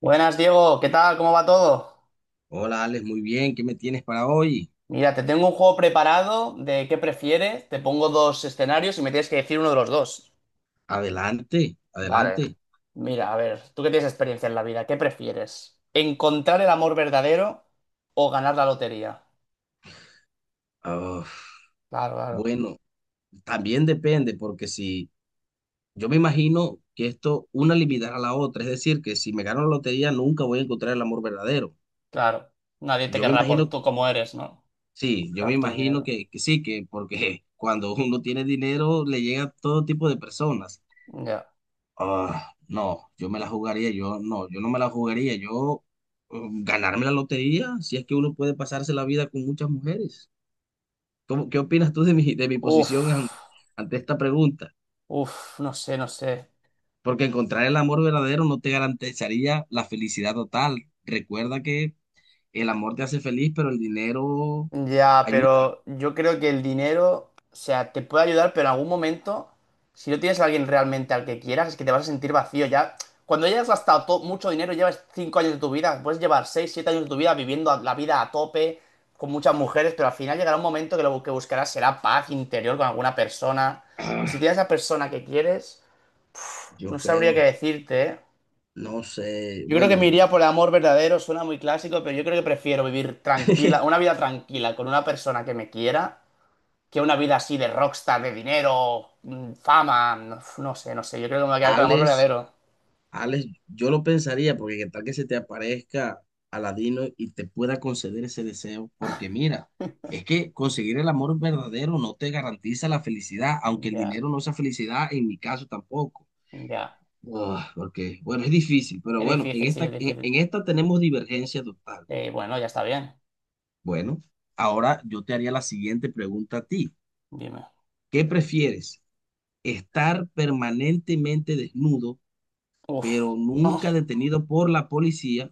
Buenas, Diego, ¿qué tal? ¿Cómo va todo? Hola, Alex, muy bien. ¿Qué me tienes para hoy? Mira, te tengo un juego preparado de qué prefieres. Te pongo dos escenarios y me tienes que decir uno de los dos. Adelante, Vale. adelante. Mira, a ver, tú que tienes experiencia en la vida, ¿qué prefieres? ¿Encontrar el amor verdadero o ganar la lotería? Ah, Claro, claro, bueno, también depende, porque si yo me imagino que esto una limitará a la otra, es decir, que si me gano la lotería nunca voy a encontrar el amor verdadero. claro. Nadie te Yo me querrá por imagino, tú como eres, ¿no? sí, yo me Tanto imagino dinero. que sí, que porque cuando uno tiene dinero le llega a todo tipo de personas. Ya. Ah, no, yo me la jugaría, yo no me la jugaría, yo eh, ganarme la lotería, si es que uno puede pasarse la vida con muchas mujeres. ¿Qué opinas tú de mi Uf, posición ante esta pregunta? uf, no sé, no sé. Porque encontrar el amor verdadero no te garantizaría la felicidad total. Recuerda que el amor te hace feliz, pero el dinero Ya, ayuda. pero yo creo que el dinero, o sea, te puede ayudar, pero en algún momento, si no tienes a alguien realmente al que quieras, es que te vas a sentir vacío. Ya, cuando hayas gastado mucho dinero, llevas 5 años de tu vida, puedes llevar 6, 7 años de tu vida viviendo la vida a tope, con muchas mujeres, pero al final llegará un momento que lo que buscarás será paz interior con alguna persona. Y si Ah, tienes la persona que quieres, yo no sabría creo, qué decirte, ¿eh? no sé, Yo creo que bueno. me iría por el amor verdadero, suena muy clásico, pero yo creo que prefiero vivir tranquila, una vida tranquila con una persona que me quiera que una vida así de rockstar, de dinero, fama, no, no sé, no sé. Yo creo que me voy a quedar con el amor Alex. verdadero. Alex, yo lo pensaría, porque qué tal que se te aparezca Aladino y te pueda conceder ese deseo, porque mira, es que conseguir el amor verdadero no te garantiza la felicidad, aunque el Ya, dinero no sea felicidad, en mi caso tampoco. ya. Ah, porque, bueno, es difícil, pero Es bueno, en difícil, sí, esta, es en, difícil. en esta tenemos divergencia total. Bueno, ya está bien. Bueno, ahora yo te haría la siguiente pregunta a ti. Dime. ¿Qué prefieres? ¿Estar permanentemente desnudo, Uf, pero uf, nunca detenido por la policía,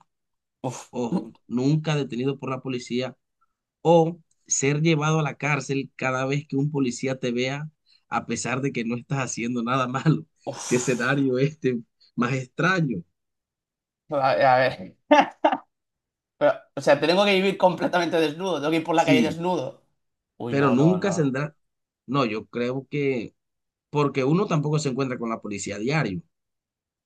uf. ojo, nunca detenido por la policía, o ser llevado a la cárcel cada vez que un policía te vea, a pesar de que no estás haciendo nada malo? ¡Qué Uf. escenario este más extraño! A ver. Pero, o sea, tengo que vivir completamente desnudo. Tengo que ir por la calle Sí, desnudo. Uy, pero no, no, nunca no. saldrá. No, yo creo que, porque uno tampoco se encuentra con la policía a diario.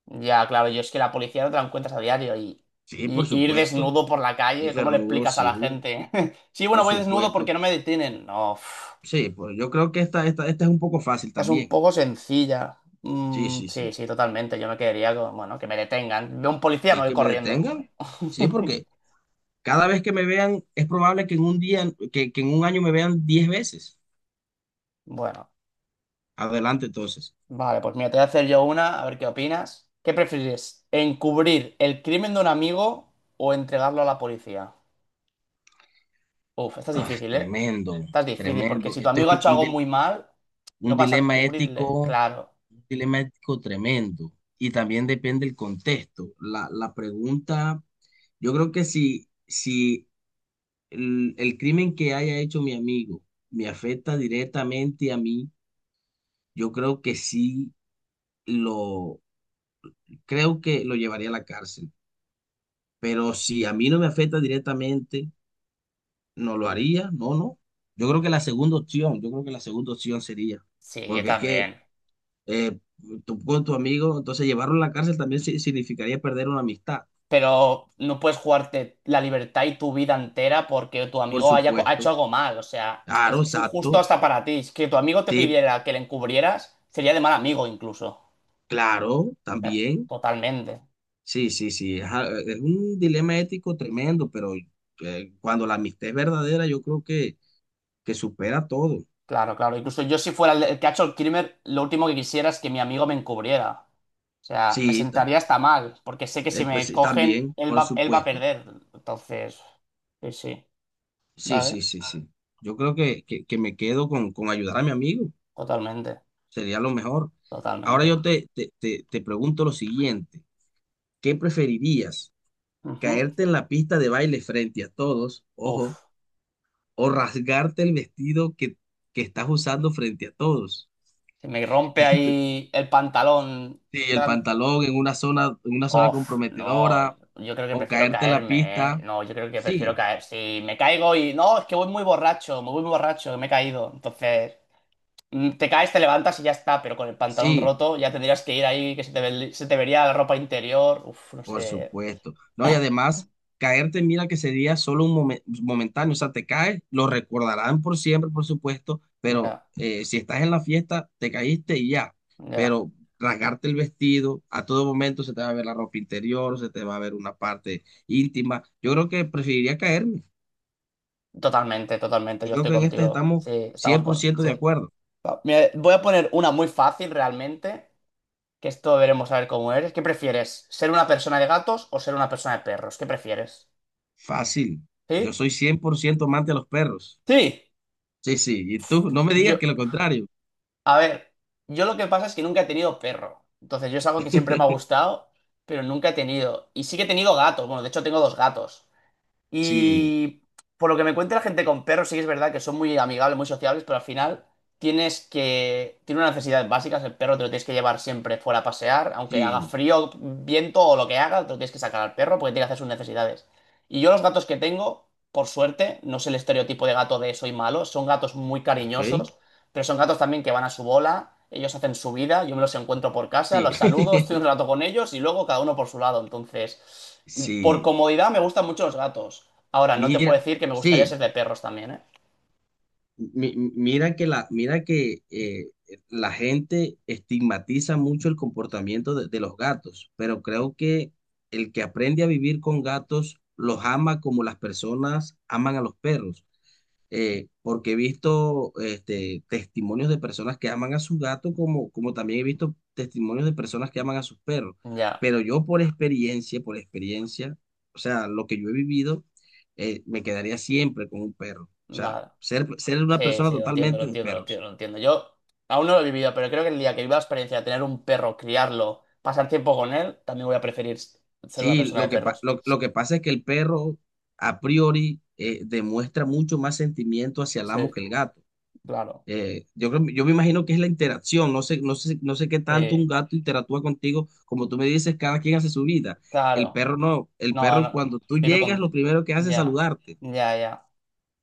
Ya, claro, yo es que la policía no te la encuentras a diario y, Sí, por y ir supuesto. desnudo por la Y calle, ¿cómo le cernudo, explicas a la sí, gente? Sí, bueno, por voy desnudo supuesto. porque no me detienen. No, uf. Sí, pues yo creo que esta es un poco fácil Es un también. poco sencilla. Sí, Mm, sí, sí, sí. sí, totalmente. Yo me quedaría con, bueno, que me detengan. Veo un policía, me Sí, voy que me corriendo. detengan. Sí, porque cada vez que me vean, es probable que en un día, que en un año me vean 10 veces. Bueno, Adelante, entonces. vale, pues mira, te voy a hacer yo una, a ver qué opinas. ¿Qué prefieres? ¿Encubrir el crimen de un amigo o entregarlo a la policía? Uf, esta es Ah, difícil, ¿eh? tremendo, Esta es difícil, porque tremendo. si tu Este es amigo ha hecho algo muy mal, no un vas a dilema encubrirle. ético, Claro. un dilema ético tremendo. Y también depende del contexto. La pregunta, yo creo que si el crimen que haya hecho mi amigo me afecta directamente a mí, yo creo que sí lo, creo que lo llevaría a la cárcel. Pero si a mí no me afecta directamente no lo haría, no, no. Yo creo que la segunda opción, yo creo que la segunda opción sería, Sí, yo porque es que también. eh, tú con tu amigo, entonces llevarlo a la cárcel también significaría perder una amistad, Pero no puedes jugarte la libertad y tu vida entera porque tu por amigo haya ha supuesto. hecho algo mal. O sea, Claro, es injusto exacto. hasta para ti. Es que tu amigo te Sí, pidiera que le encubrieras, sería de mal amigo incluso. O claro, sea, también. totalmente. Sí, sí, sí. Es un dilema ético tremendo, pero cuando la amistad es verdadera, yo creo que, supera todo. Claro, claro. Incluso yo si fuera el que ha hecho el crimen, lo último que quisiera es que mi amigo me encubriera. O sea, me Sí, sentaría hasta mal, porque sé que si pues, me sí, cogen, también, él por va, él va a supuesto. perder. Entonces, sí, sí. Sí, Vale, sí, sí, sí. Yo creo que, me quedo con ayudar a mi amigo. totalmente, Sería lo mejor. Ahora totalmente. yo te pregunto lo siguiente. ¿Qué preferirías? Ujú. ¿Caerte en la pista de baile frente a todos, ojo, Uf. o rasgarte el vestido que estás usando frente a todos? Si me rompe ahí el pantalón. Sí, el gran- pantalón en una zona Uf, no, comprometedora, yo creo que o prefiero caerte en la caerme, ¿eh? pista. No, yo creo que prefiero Sí, caer. No, es que voy muy borracho, me voy muy borracho, me he caído. Entonces, te caes, te levantas y ya está, pero con el pantalón sí. roto ya tendrías que ir ahí, que se te vería la ropa interior. Uf, no Por sé. supuesto. No, y además, caerte, mira que sería solo un momentáneo, o sea, te caes, lo recordarán por siempre, por supuesto, pero Ya, si estás en la fiesta, te caíste y ya. ya. Pero rasgarte el vestido, a todo momento se te va a ver la ropa interior, se te va a ver una parte íntima. Yo creo que preferiría caerme. Totalmente, totalmente, Yo yo creo estoy que en este contigo. Sí, estamos cien por ciento de sí. acuerdo. Va, mira, voy a poner una muy fácil realmente. Que esto veremos a ver cómo eres. ¿Qué prefieres? ¿Ser una persona de gatos o ser una persona de perros? ¿Qué prefieres? Fácil. Yo ¿Sí? soy 100% amante de los perros. Sí. Sí, sí. Y tú, no me digas Yo, que lo contrario. a ver, yo lo que pasa es que nunca he tenido perro. Entonces, yo es algo que siempre me ha gustado, pero nunca he tenido. Y sí que he tenido gatos. Bueno, de hecho, tengo dos gatos. Sí, Y por lo que me cuenta la gente con perros, sí que es verdad que son muy amigables, muy sociables, pero al final tiene unas necesidades básicas, el perro te lo tienes que llevar siempre fuera a pasear, aunque haga sí. frío, viento o lo que haga, te lo tienes que sacar al perro porque tiene que hacer sus necesidades. Y yo los gatos que tengo, por suerte, no es el estereotipo de gato de soy malo, son gatos muy Ok. cariñosos, pero son gatos también que van a su bola, ellos hacen su vida, yo me los encuentro por casa, Sí, los saludo, estoy un rato con ellos y luego cada uno por su lado. Entonces, por sí, comodidad me gustan mucho los gatos. Ahora, no te puedo mira, decir que me gustaría sí, ser de perros también, ¿eh? mi- mi- mira que la gente estigmatiza mucho el comportamiento de los gatos, pero creo que el que aprende a vivir con gatos los ama como las personas aman a los perros. Porque he visto testimonios de personas que aman a su gato, como también he visto testimonios de personas que aman a sus perros. Ya, Pero yo por experiencia, o sea, lo que yo he vivido, me quedaría siempre con un perro. O sea, vale. ser una Sí, persona sí, lo entiendo, lo totalmente de entiendo, lo perros. entiendo, lo entiendo. Yo aún no lo he vivido, pero creo que el día que viva la experiencia de tener un perro, criarlo, pasar tiempo con él, también voy a preferir ser una Sí, persona lo de que, pa- perros. lo, lo que pasa es que el perro a priori demuestra mucho más sentimiento hacia el amo Sí, que el gato. claro. Yo creo, yo me imagino que es la interacción, no sé qué tanto un Sí, gato interactúa contigo, como tú me dices, cada quien hace su vida. El claro. perro no, el No, perro no. cuando tú Vive llegas, lo con... primero que hace es Ya, saludarte. ya, ya.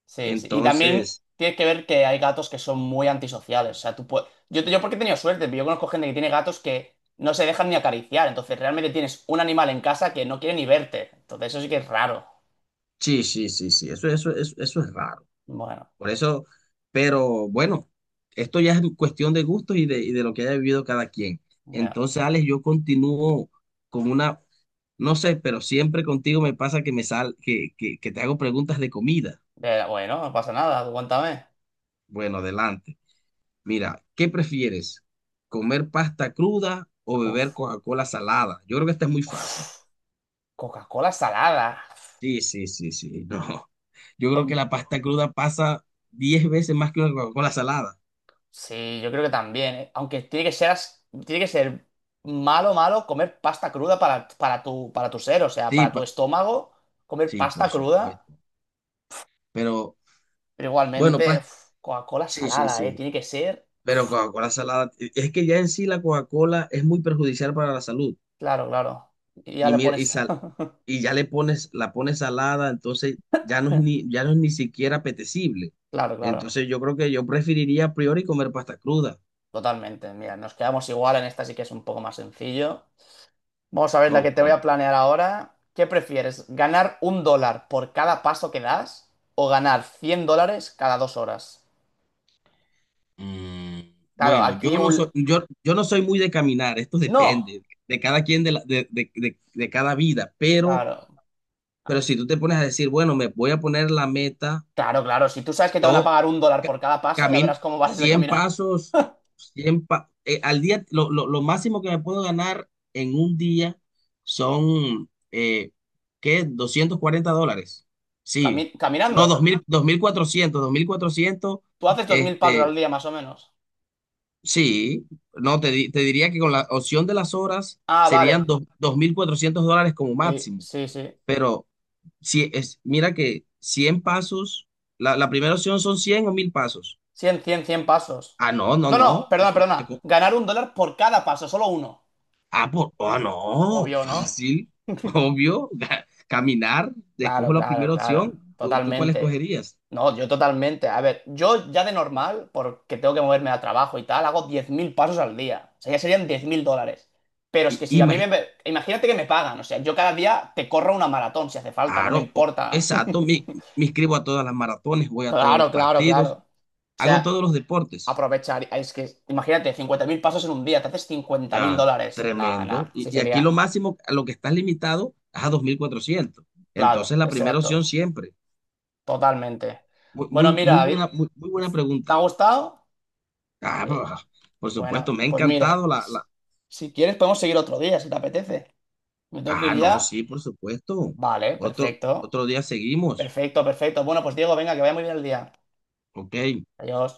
Sí, sí. Y también Entonces, tienes que ver que hay gatos que son muy antisociales. O sea, yo porque he tenido suerte, pero yo conozco gente que tiene gatos que no se dejan ni acariciar. Entonces, realmente tienes un animal en casa que no quiere ni verte. Entonces, eso sí que es raro. sí, sí, sí, sí, eso es raro. Bueno, Por eso, pero bueno, esto ya es cuestión de gustos y y de lo que haya vivido cada quien. ya. Entonces, Alex, yo continúo con una, no sé, pero siempre contigo me pasa que que te hago preguntas de comida. Bueno, no pasa nada, aguántame. Bueno, adelante. Mira, ¿qué prefieres? ¿Comer pasta cruda o beber Uf. Coca-Cola salada? Yo creo que esta es muy Uf. fácil. Coca-Cola salada. Sí, sí, sí, sí, no. Yo creo que Hom- la pasta cruda pasa 10 veces más que una Coca-Cola salada. Sí, yo creo que también, ¿eh? Aunque tiene que ser malo, malo comer pasta cruda para tu ser, o sea, Sí, para tu pa- estómago, comer sí, por pasta cruda. supuesto. Pero Pero bueno, igualmente, pasta, uf, Coca-Cola sí, sí, salada, ¿eh? sí. Tiene que ser. Pero Coca-Cola salada, es que ya en sí la Coca-Cola es muy perjudicial para la salud. Claro, claro. Y ya y, le mira y, pones. sal- y ya le pones, la pones salada, entonces ya no es ni siquiera apetecible. Claro, claro. Entonces yo creo que yo preferiría a priori comer pasta cruda. Totalmente. Mira, nos quedamos igual. En esta sí que es un poco más sencillo. Vamos a ver la que Ok. te voy a planear ahora. ¿Qué prefieres? ¿Ganar un dólar por cada paso que das o ganar 100 dólares cada 2 horas? Mm, Claro, bueno, yo no soy, yo, yo no soy muy de caminar, esto ¡No! depende de cada quien de, la- de cada vida, pero, Claro, pero si tú te pones a decir, bueno, me voy a poner la meta. claro, claro. Si tú sabes que te van a Yo pagar un dólar ca- por cada paso, ya camino verás cómo vas de 100 caminar. pasos, al día, lo máximo que me puedo ganar en un día son, ¿qué? $240. Sí, Cami- no, caminando. Dos mil cuatrocientos Tú haces 2.000 pasos este, al día más o menos. sí, no, te diría que con la opción de las horas Ah, serían vale. $2400 como Sí, máximo, sí, sí. pero si es, mira que 100 pasos, la primera opción son 100 o 1000 pasos. 100, 100, 100 pasos. Ah, no, no, No, no, no. perdona, perdona. Ganar un dólar por cada paso, solo uno. Ah, no. Obvio, ¿no? Fácil, obvio. Caminar, Claro, escojo la claro, primera claro. opción. ¿Tú cuál Totalmente. escogerías? No, yo totalmente. A ver, yo ya de normal, porque tengo que moverme al trabajo y tal, hago 10.000 pasos al día. O sea, ya serían 10.000 dólares. Pero es que Y, si a mí me... me- Imagínate que me pagan. O sea, yo cada día te corro una maratón si hace falta, no me claro, importa. exacto. Me, me inscribo a todas las maratones, voy a todos los Claro, claro, claro. partidos, O hago sea, todos los deportes. aprovechar. Es que, imagínate, 50.000 pasos en un día, te haces 50.000 Ah, dólares. Nada, tremendo. nada, Y, sí y aquí lo sería, máximo a lo que estás limitado es a 2400. claro, Entonces, la primera exacto, opción siempre. totalmente. Muy, Bueno, mira, David, muy, muy buena ¿te ha pregunta. gustado? Ah, Sí. por supuesto, Bueno, me ha pues encantado mira, la si quieres podemos seguir otro día, si te apetece. ¿Me tengo que Ah, ir no, ya? sí, por supuesto. Vale, Otro, perfecto, otro día seguimos. perfecto, perfecto. Bueno, pues Diego, venga, que vaya muy bien el día. Ok. Adiós.